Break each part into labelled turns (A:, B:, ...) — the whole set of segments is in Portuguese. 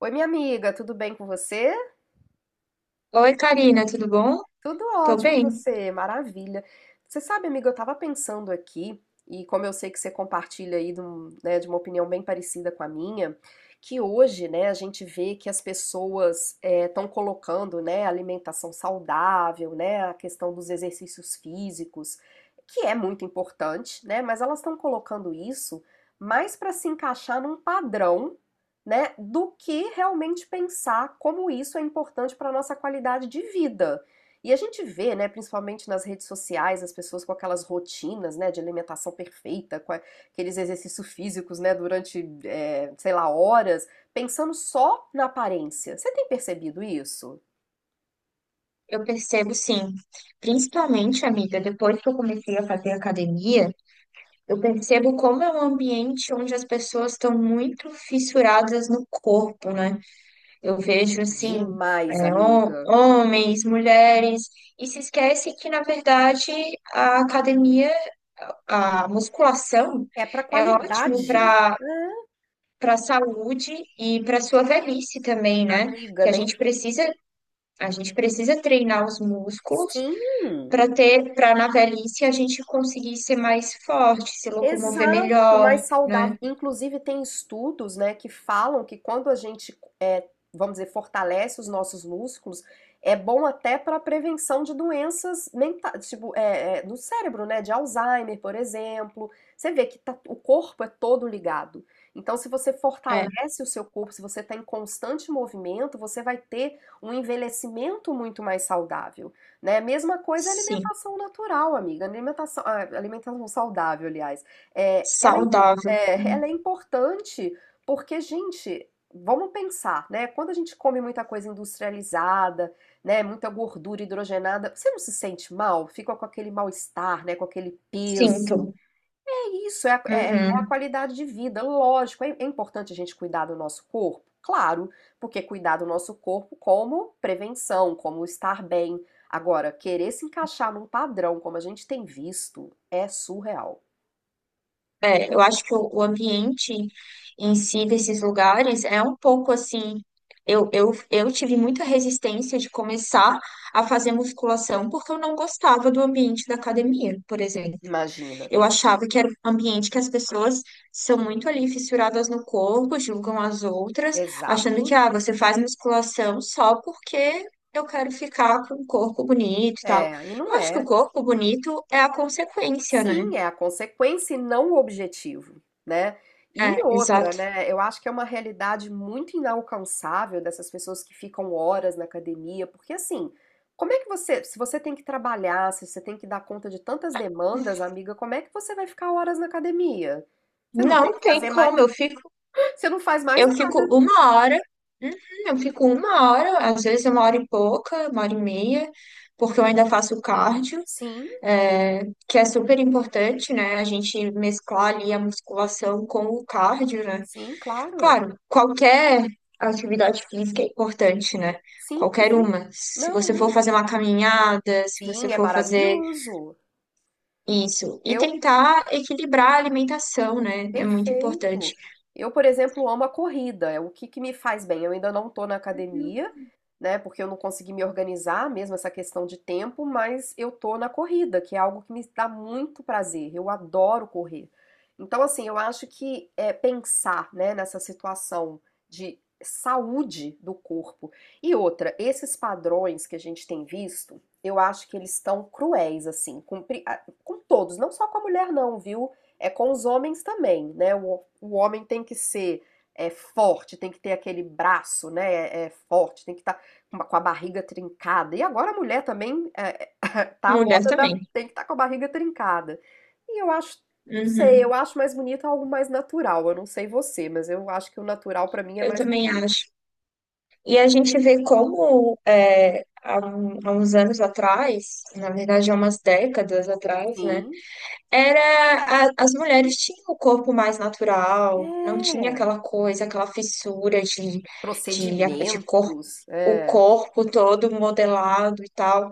A: Oi, minha amiga, tudo bem com você?
B: Oi, Karina, tudo bom?
A: Tudo
B: Tô
A: ótimo, e
B: bem.
A: você? Maravilha. Você sabe, amiga, eu estava pensando aqui, e como eu sei que você compartilha aí né, de uma opinião bem parecida com a minha, que hoje, né, a gente vê que as pessoas estão colocando, né, alimentação saudável, né, a questão dos exercícios físicos, que é muito importante, né, mas elas estão colocando isso mais para se encaixar num padrão, né, do que realmente pensar como isso é importante para a nossa qualidade de vida. E a gente vê, né, principalmente nas redes sociais, as pessoas com aquelas rotinas, né, de alimentação perfeita, com aqueles exercícios físicos, né, durante, sei lá, horas, pensando só na aparência. Você tem percebido isso?
B: Eu percebo sim. Principalmente, amiga, depois que eu comecei a fazer academia, eu percebo como é um ambiente onde as pessoas estão muito fissuradas no corpo, né? Eu vejo assim,
A: Demais, amiga.
B: homens, mulheres, e se esquece que, na verdade, a academia, a musculação
A: É pra
B: é ótimo
A: qualidade.
B: para
A: É,
B: para a saúde e para sua velhice também, né?
A: amiga,
B: que a
A: nem.
B: gente precisa A gente precisa treinar os músculos
A: Sim!
B: para ter, para na velhice a gente conseguir ser mais forte, se locomover
A: Exato,
B: melhor,
A: mais saudável.
B: né?
A: Inclusive, tem estudos, né, que falam que quando a gente, vamos dizer, fortalece os nossos músculos, é bom até para a prevenção de doenças mentais, tipo, no cérebro, né, de Alzheimer, por exemplo. Você vê que o corpo é todo ligado. Então, se você
B: É,
A: fortalece o seu corpo, se você está em constante movimento, você vai ter um envelhecimento muito mais saudável, né? Mesma coisa é
B: sim,
A: alimentação natural, amiga. Ah, alimentação saudável, aliás. É, ela é, impor-
B: saudável.
A: é, ela é importante porque, gente, vamos pensar, né? Quando a gente come muita coisa industrializada, né? Muita gordura hidrogenada, você não se sente mal? Fica com aquele mal-estar, né? Com aquele peso.
B: Sinto.
A: É isso, é a
B: Uhum.
A: qualidade de vida. Lógico, é importante a gente cuidar do nosso corpo. Claro, porque cuidar do nosso corpo como prevenção, como estar bem. Agora, querer se encaixar num padrão como a gente tem visto é surreal.
B: Eu acho que o ambiente em si desses lugares é um pouco assim. Eu tive muita resistência de começar a fazer musculação porque eu não gostava do ambiente da academia, por exemplo.
A: Imagina.
B: Eu achava que era um ambiente que as pessoas são muito ali fissuradas no corpo, julgam as outras, achando que,
A: Exato.
B: ah, você faz musculação só porque eu quero ficar com um corpo bonito e tal.
A: É, e
B: Eu
A: não
B: acho que o
A: é.
B: corpo bonito é a consequência, né?
A: Sim, é a consequência e não o objetivo, né? E
B: É,
A: outra,
B: exato.
A: né? Eu acho que é uma realidade muito inalcançável dessas pessoas que ficam horas na academia, porque assim, como é que você, se você tem que trabalhar, se você tem que dar conta de tantas demandas, amiga, como é que você vai ficar horas na academia? Você não tem
B: Não
A: que
B: tem
A: fazer mais,
B: como,
A: você não faz mais
B: eu fico
A: nada.
B: uma hora, uhum, eu fico uma hora, às vezes uma hora e pouca, uma hora e meia, porque eu ainda faço cardio.
A: Sim,
B: É, que é super importante, né? A gente mesclar ali a musculação com o cardio, né?
A: sim, claro.
B: Claro, qualquer atividade física é importante, né?
A: Sim,
B: Qualquer
A: sim.
B: uma. Se você
A: Não,
B: for
A: é.
B: fazer uma caminhada, se você
A: Sim, é
B: for fazer
A: maravilhoso.
B: isso. E
A: Eu
B: tentar equilibrar a alimentação, né? É muito importante.
A: Perfeito. Eu, por exemplo, amo a corrida. É o que que me faz bem. Eu ainda não estou na academia, né? Porque eu não consegui me organizar mesmo essa questão de tempo, mas eu tô na corrida, que é algo que me dá muito prazer. Eu adoro correr. Então, assim, eu acho que é pensar, né, nessa situação de saúde do corpo. E outra, esses padrões que a gente tem visto, eu acho que eles estão cruéis, assim, com todos, não só com a mulher, não, viu? É com os homens também, né? O homem tem que ser forte, tem que ter aquele braço, né? É forte, tem que estar com a barriga trincada. E agora a mulher também tá a
B: Mulher
A: moda da
B: também.
A: tem que estar com a barriga trincada. E eu acho, não sei, eu
B: Uhum.
A: acho mais bonito algo mais natural. Eu não sei você, mas eu acho que o natural pra mim é
B: Eu
A: mais
B: também
A: bonito.
B: acho. E a gente vê como há uns anos atrás, na verdade há umas décadas atrás, né?
A: Sim,
B: As mulheres tinham o corpo mais natural, não tinha
A: é.
B: aquela coisa, aquela fissura de corpo,
A: Procedimentos,
B: o
A: é.
B: corpo todo modelado e tal.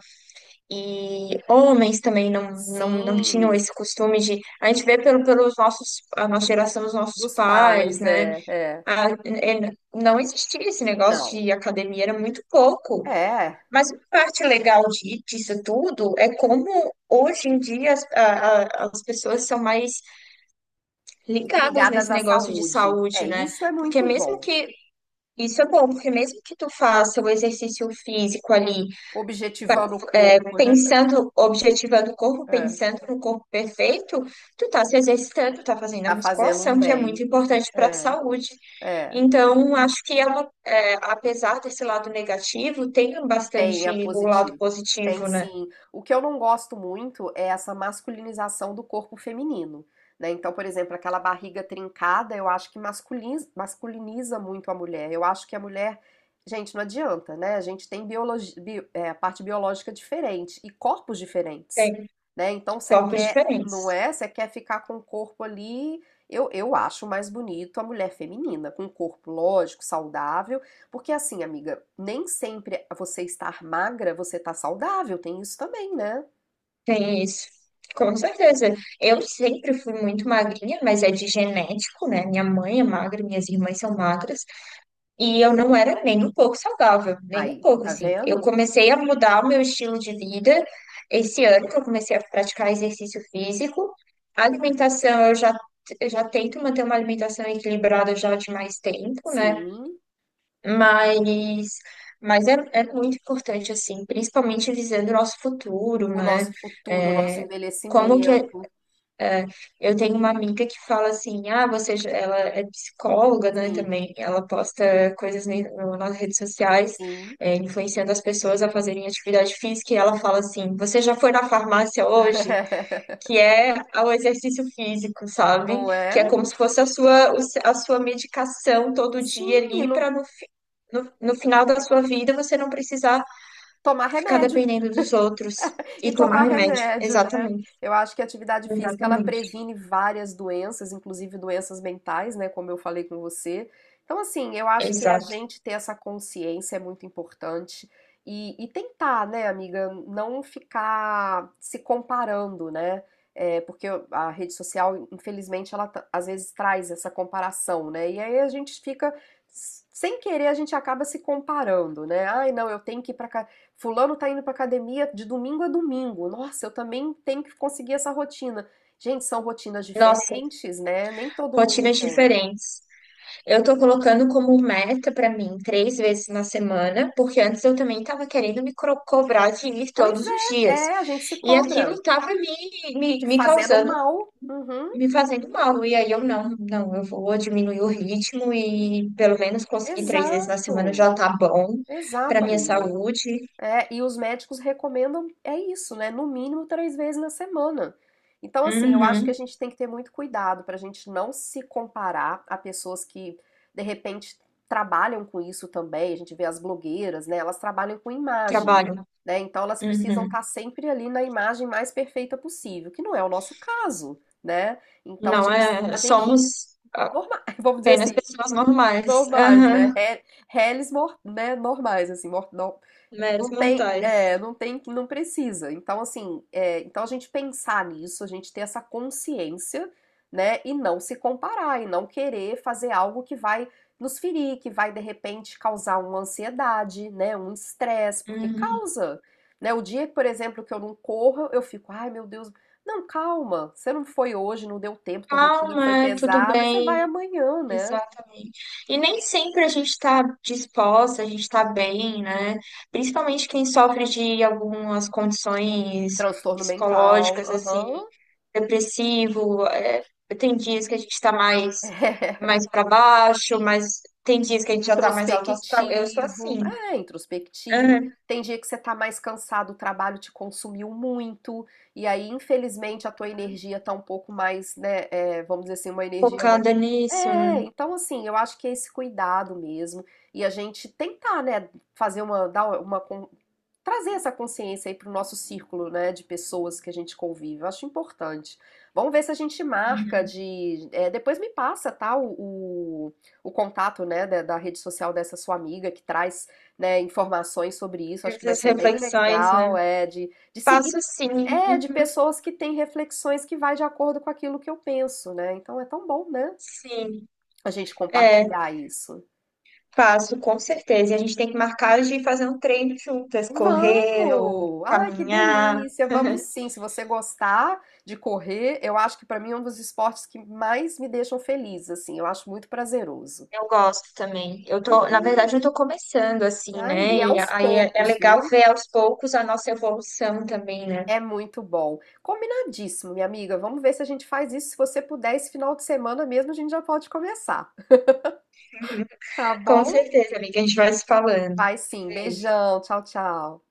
B: E homens também não tinham
A: Sim,
B: esse costume de. A gente vê pelos nossos, a nossa geração, os nossos
A: dos
B: pais,
A: pais,
B: né?
A: é, é.
B: Não existia esse negócio
A: Não.
B: de academia, era muito pouco.
A: É.
B: Mas uma parte legal disso tudo é como hoje em dia as pessoas são mais ligadas
A: Ligadas
B: nesse
A: à
B: negócio de
A: saúde.
B: saúde,
A: É,
B: né?
A: isso é
B: Porque
A: muito
B: mesmo
A: bom.
B: que isso é bom, porque mesmo que tu faça o exercício físico ali, pra-
A: Objetivando o corpo,
B: pensando, objetivando o corpo,
A: é,
B: pensando no corpo perfeito, tu tá se exercitando, tá fazendo a
A: tá fazendo um
B: musculação, que é
A: bem.
B: muito importante para a
A: É,
B: saúde.
A: é.
B: Então, acho que é uma, é, apesar desse lado negativo, tem
A: Tem,
B: bastante
A: é
B: o lado
A: positivo. Tem
B: positivo, né?
A: sim. O que eu não gosto muito é essa masculinização do corpo feminino, né? Então, por exemplo, aquela barriga trincada, eu acho que masculiniza, masculiniza muito a mulher. Eu acho que a mulher, gente, não adianta, né? A gente tem a parte biológica diferente e corpos diferentes,
B: Tem
A: né? Então, você
B: corpos
A: quer, não
B: diferentes.
A: é? Você quer ficar com o corpo ali. Eu acho mais bonito a mulher feminina, com um corpo lógico, saudável porque assim, amiga, nem sempre você estar magra, você tá saudável, tem isso também, né?
B: Tem isso. Com certeza. Eu sempre fui muito magrinha, mas é de genético, né? Minha mãe é magra, minhas irmãs são magras, e eu não era nem um pouco saudável, nem um
A: Aí,
B: pouco,
A: tá
B: assim. Eu
A: vendo?
B: comecei a mudar o meu estilo de vida esse ano que eu comecei a praticar exercício físico. A alimentação, eu já tento manter uma alimentação equilibrada já de mais tempo, né?
A: Sim,
B: Mas, mas é, é muito importante, assim, principalmente visando o nosso futuro,
A: o
B: né?
A: nosso futuro, o nosso
B: É, como que
A: envelhecimento,
B: é, eu tenho uma amiga que fala assim, ah, você, ela é psicóloga, né,
A: sim,
B: também, ela posta coisas nas redes sociais,
A: sim.
B: é, influenciando as pessoas a fazerem atividade física, e ela fala assim, você já foi na farmácia hoje? Que é o exercício físico, sabe?
A: Não
B: Que é
A: é?
B: como se fosse a sua, o se- a sua medicação todo dia
A: Sim, e
B: ali
A: não
B: para no, no final da sua vida você não precisar
A: tomar
B: ficar
A: remédio.
B: dependendo dos outros
A: E
B: e tomar
A: tomar
B: remédio.
A: remédio, né?
B: Exatamente,
A: Eu acho que a atividade física ela
B: exatamente,
A: previne várias doenças, inclusive doenças mentais, né? Como eu falei com você. Então, assim, eu acho que a
B: exato.
A: gente ter essa consciência é muito importante e tentar, né, amiga, não ficar se comparando, né? É, porque a rede social, infelizmente, ela às vezes traz essa comparação, né? E aí a gente fica, sem querer, a gente acaba se comparando, né? Ai, não, eu tenho que ir pra cá. Fulano tá indo pra academia de domingo a domingo. Nossa, eu também tenho que conseguir essa rotina. Gente, são rotinas
B: Nossa,
A: diferentes, né? Nem todo mundo
B: rotinas
A: tem.
B: diferentes. Eu tô colocando como meta pra mim três vezes na semana, porque antes eu também tava querendo me cobrar de ir
A: Pois
B: todos os
A: é,
B: dias.
A: é, a gente se
B: E
A: cobra.
B: aquilo tava
A: Te
B: me
A: fazendo
B: causando.
A: mal. Uhum,
B: Me fazendo mal, e aí eu não, eu vou diminuir o ritmo e pelo menos conseguir três vezes na semana
A: exato.
B: já tá bom para
A: Exato,
B: minha
A: amiga.
B: saúde.
A: É, e os médicos recomendam, é isso, né? No mínimo três vezes na semana. Então, assim, eu acho que a
B: Uhum,
A: gente tem que ter muito cuidado para a gente não se comparar a pessoas que, de repente, trabalham com isso também. A gente vê as blogueiras, né? Elas trabalham com imagem,
B: trabalho.
A: né? Então, elas precisam
B: Uhum.
A: estar sempre ali na imagem mais perfeita possível, que não é o nosso caso, né? Então, a
B: Não
A: gente,
B: é,
A: a gente,
B: somos
A: norma- vamos dizer
B: apenas
A: assim,
B: pessoas normais.
A: normais, né?
B: Aham,
A: Reles, né? Normais, assim, não
B: meros
A: tem,
B: mortais.
A: não tem, não precisa. Então, assim, então a gente pensar nisso, a gente ter essa consciência, né, e não se comparar, e não querer fazer algo que vai nos ferir, que vai de repente causar uma ansiedade, né, um estresse, porque
B: Uhum.
A: causa, né? O dia, por exemplo, que eu não corro, eu fico, ai meu Deus, não, calma, você não foi hoje, não deu tempo, tua rotina foi
B: Calma, é tudo
A: pesada, você vai
B: bem,
A: amanhã, né?
B: exatamente. E nem sempre a gente está disposta, a gente está bem, né? Principalmente quem sofre de algumas condições
A: Transtorno mental,
B: psicológicas, assim,
A: aham.
B: depressivo. É, tem dias que a gente está mais, mais para baixo, mas tem dias que a gente já está mais alto astral. Eu sou
A: Introspectivo,
B: assim.
A: é introspectivo.
B: É,
A: Tem dia que você tá mais cansado, o trabalho te consumiu muito, e aí, infelizmente, a tua energia tá um pouco mais, né? Vamos dizer assim, uma energia mais.
B: focada nisso, né?
A: É, então assim, eu acho que é esse cuidado mesmo. E a gente tentar, né, fazer uma, dar uma, con- trazer essa consciência aí pro nosso círculo, né, de pessoas que a gente convive. Eu acho importante. Vamos ver se a gente marca
B: Uhum.
A: de. Depois me passa, tá? O contato, né, da rede social dessa sua amiga que traz, né, informações sobre isso. Acho que vai
B: Essas
A: ser bem
B: reflexões, né?
A: legal, de seguir,
B: Faço sim,
A: de
B: uhum,
A: pessoas que têm reflexões que vai de acordo com aquilo que eu penso, né? Então é tão bom, né?
B: sim,
A: A gente
B: é,
A: compartilhar isso.
B: faço com certeza. E a gente tem que marcar de fazer um treino juntas, correr ou
A: Vamos! Ai, que
B: caminhar.
A: delícia! Vamos sim. Se você gostar de correr, eu acho que para mim é um dos esportes que mais me deixam feliz, assim. Eu acho muito prazeroso.
B: Eu gosto também. Na
A: Uhum.
B: verdade, eu tô começando assim,
A: Ah,
B: né?
A: e é
B: E
A: aos
B: aí é, é
A: poucos,
B: legal
A: viu?
B: ver aos poucos a nossa evolução também, né?
A: É muito bom. Combinadíssimo, minha amiga. Vamos ver se a gente faz isso. Se você puder, esse final de semana mesmo, a gente já pode começar. Tá
B: Com
A: bom?
B: certeza, amiga, a gente vai se falando.
A: Vai sim.
B: Beijo.
A: Beijão. Tchau, tchau.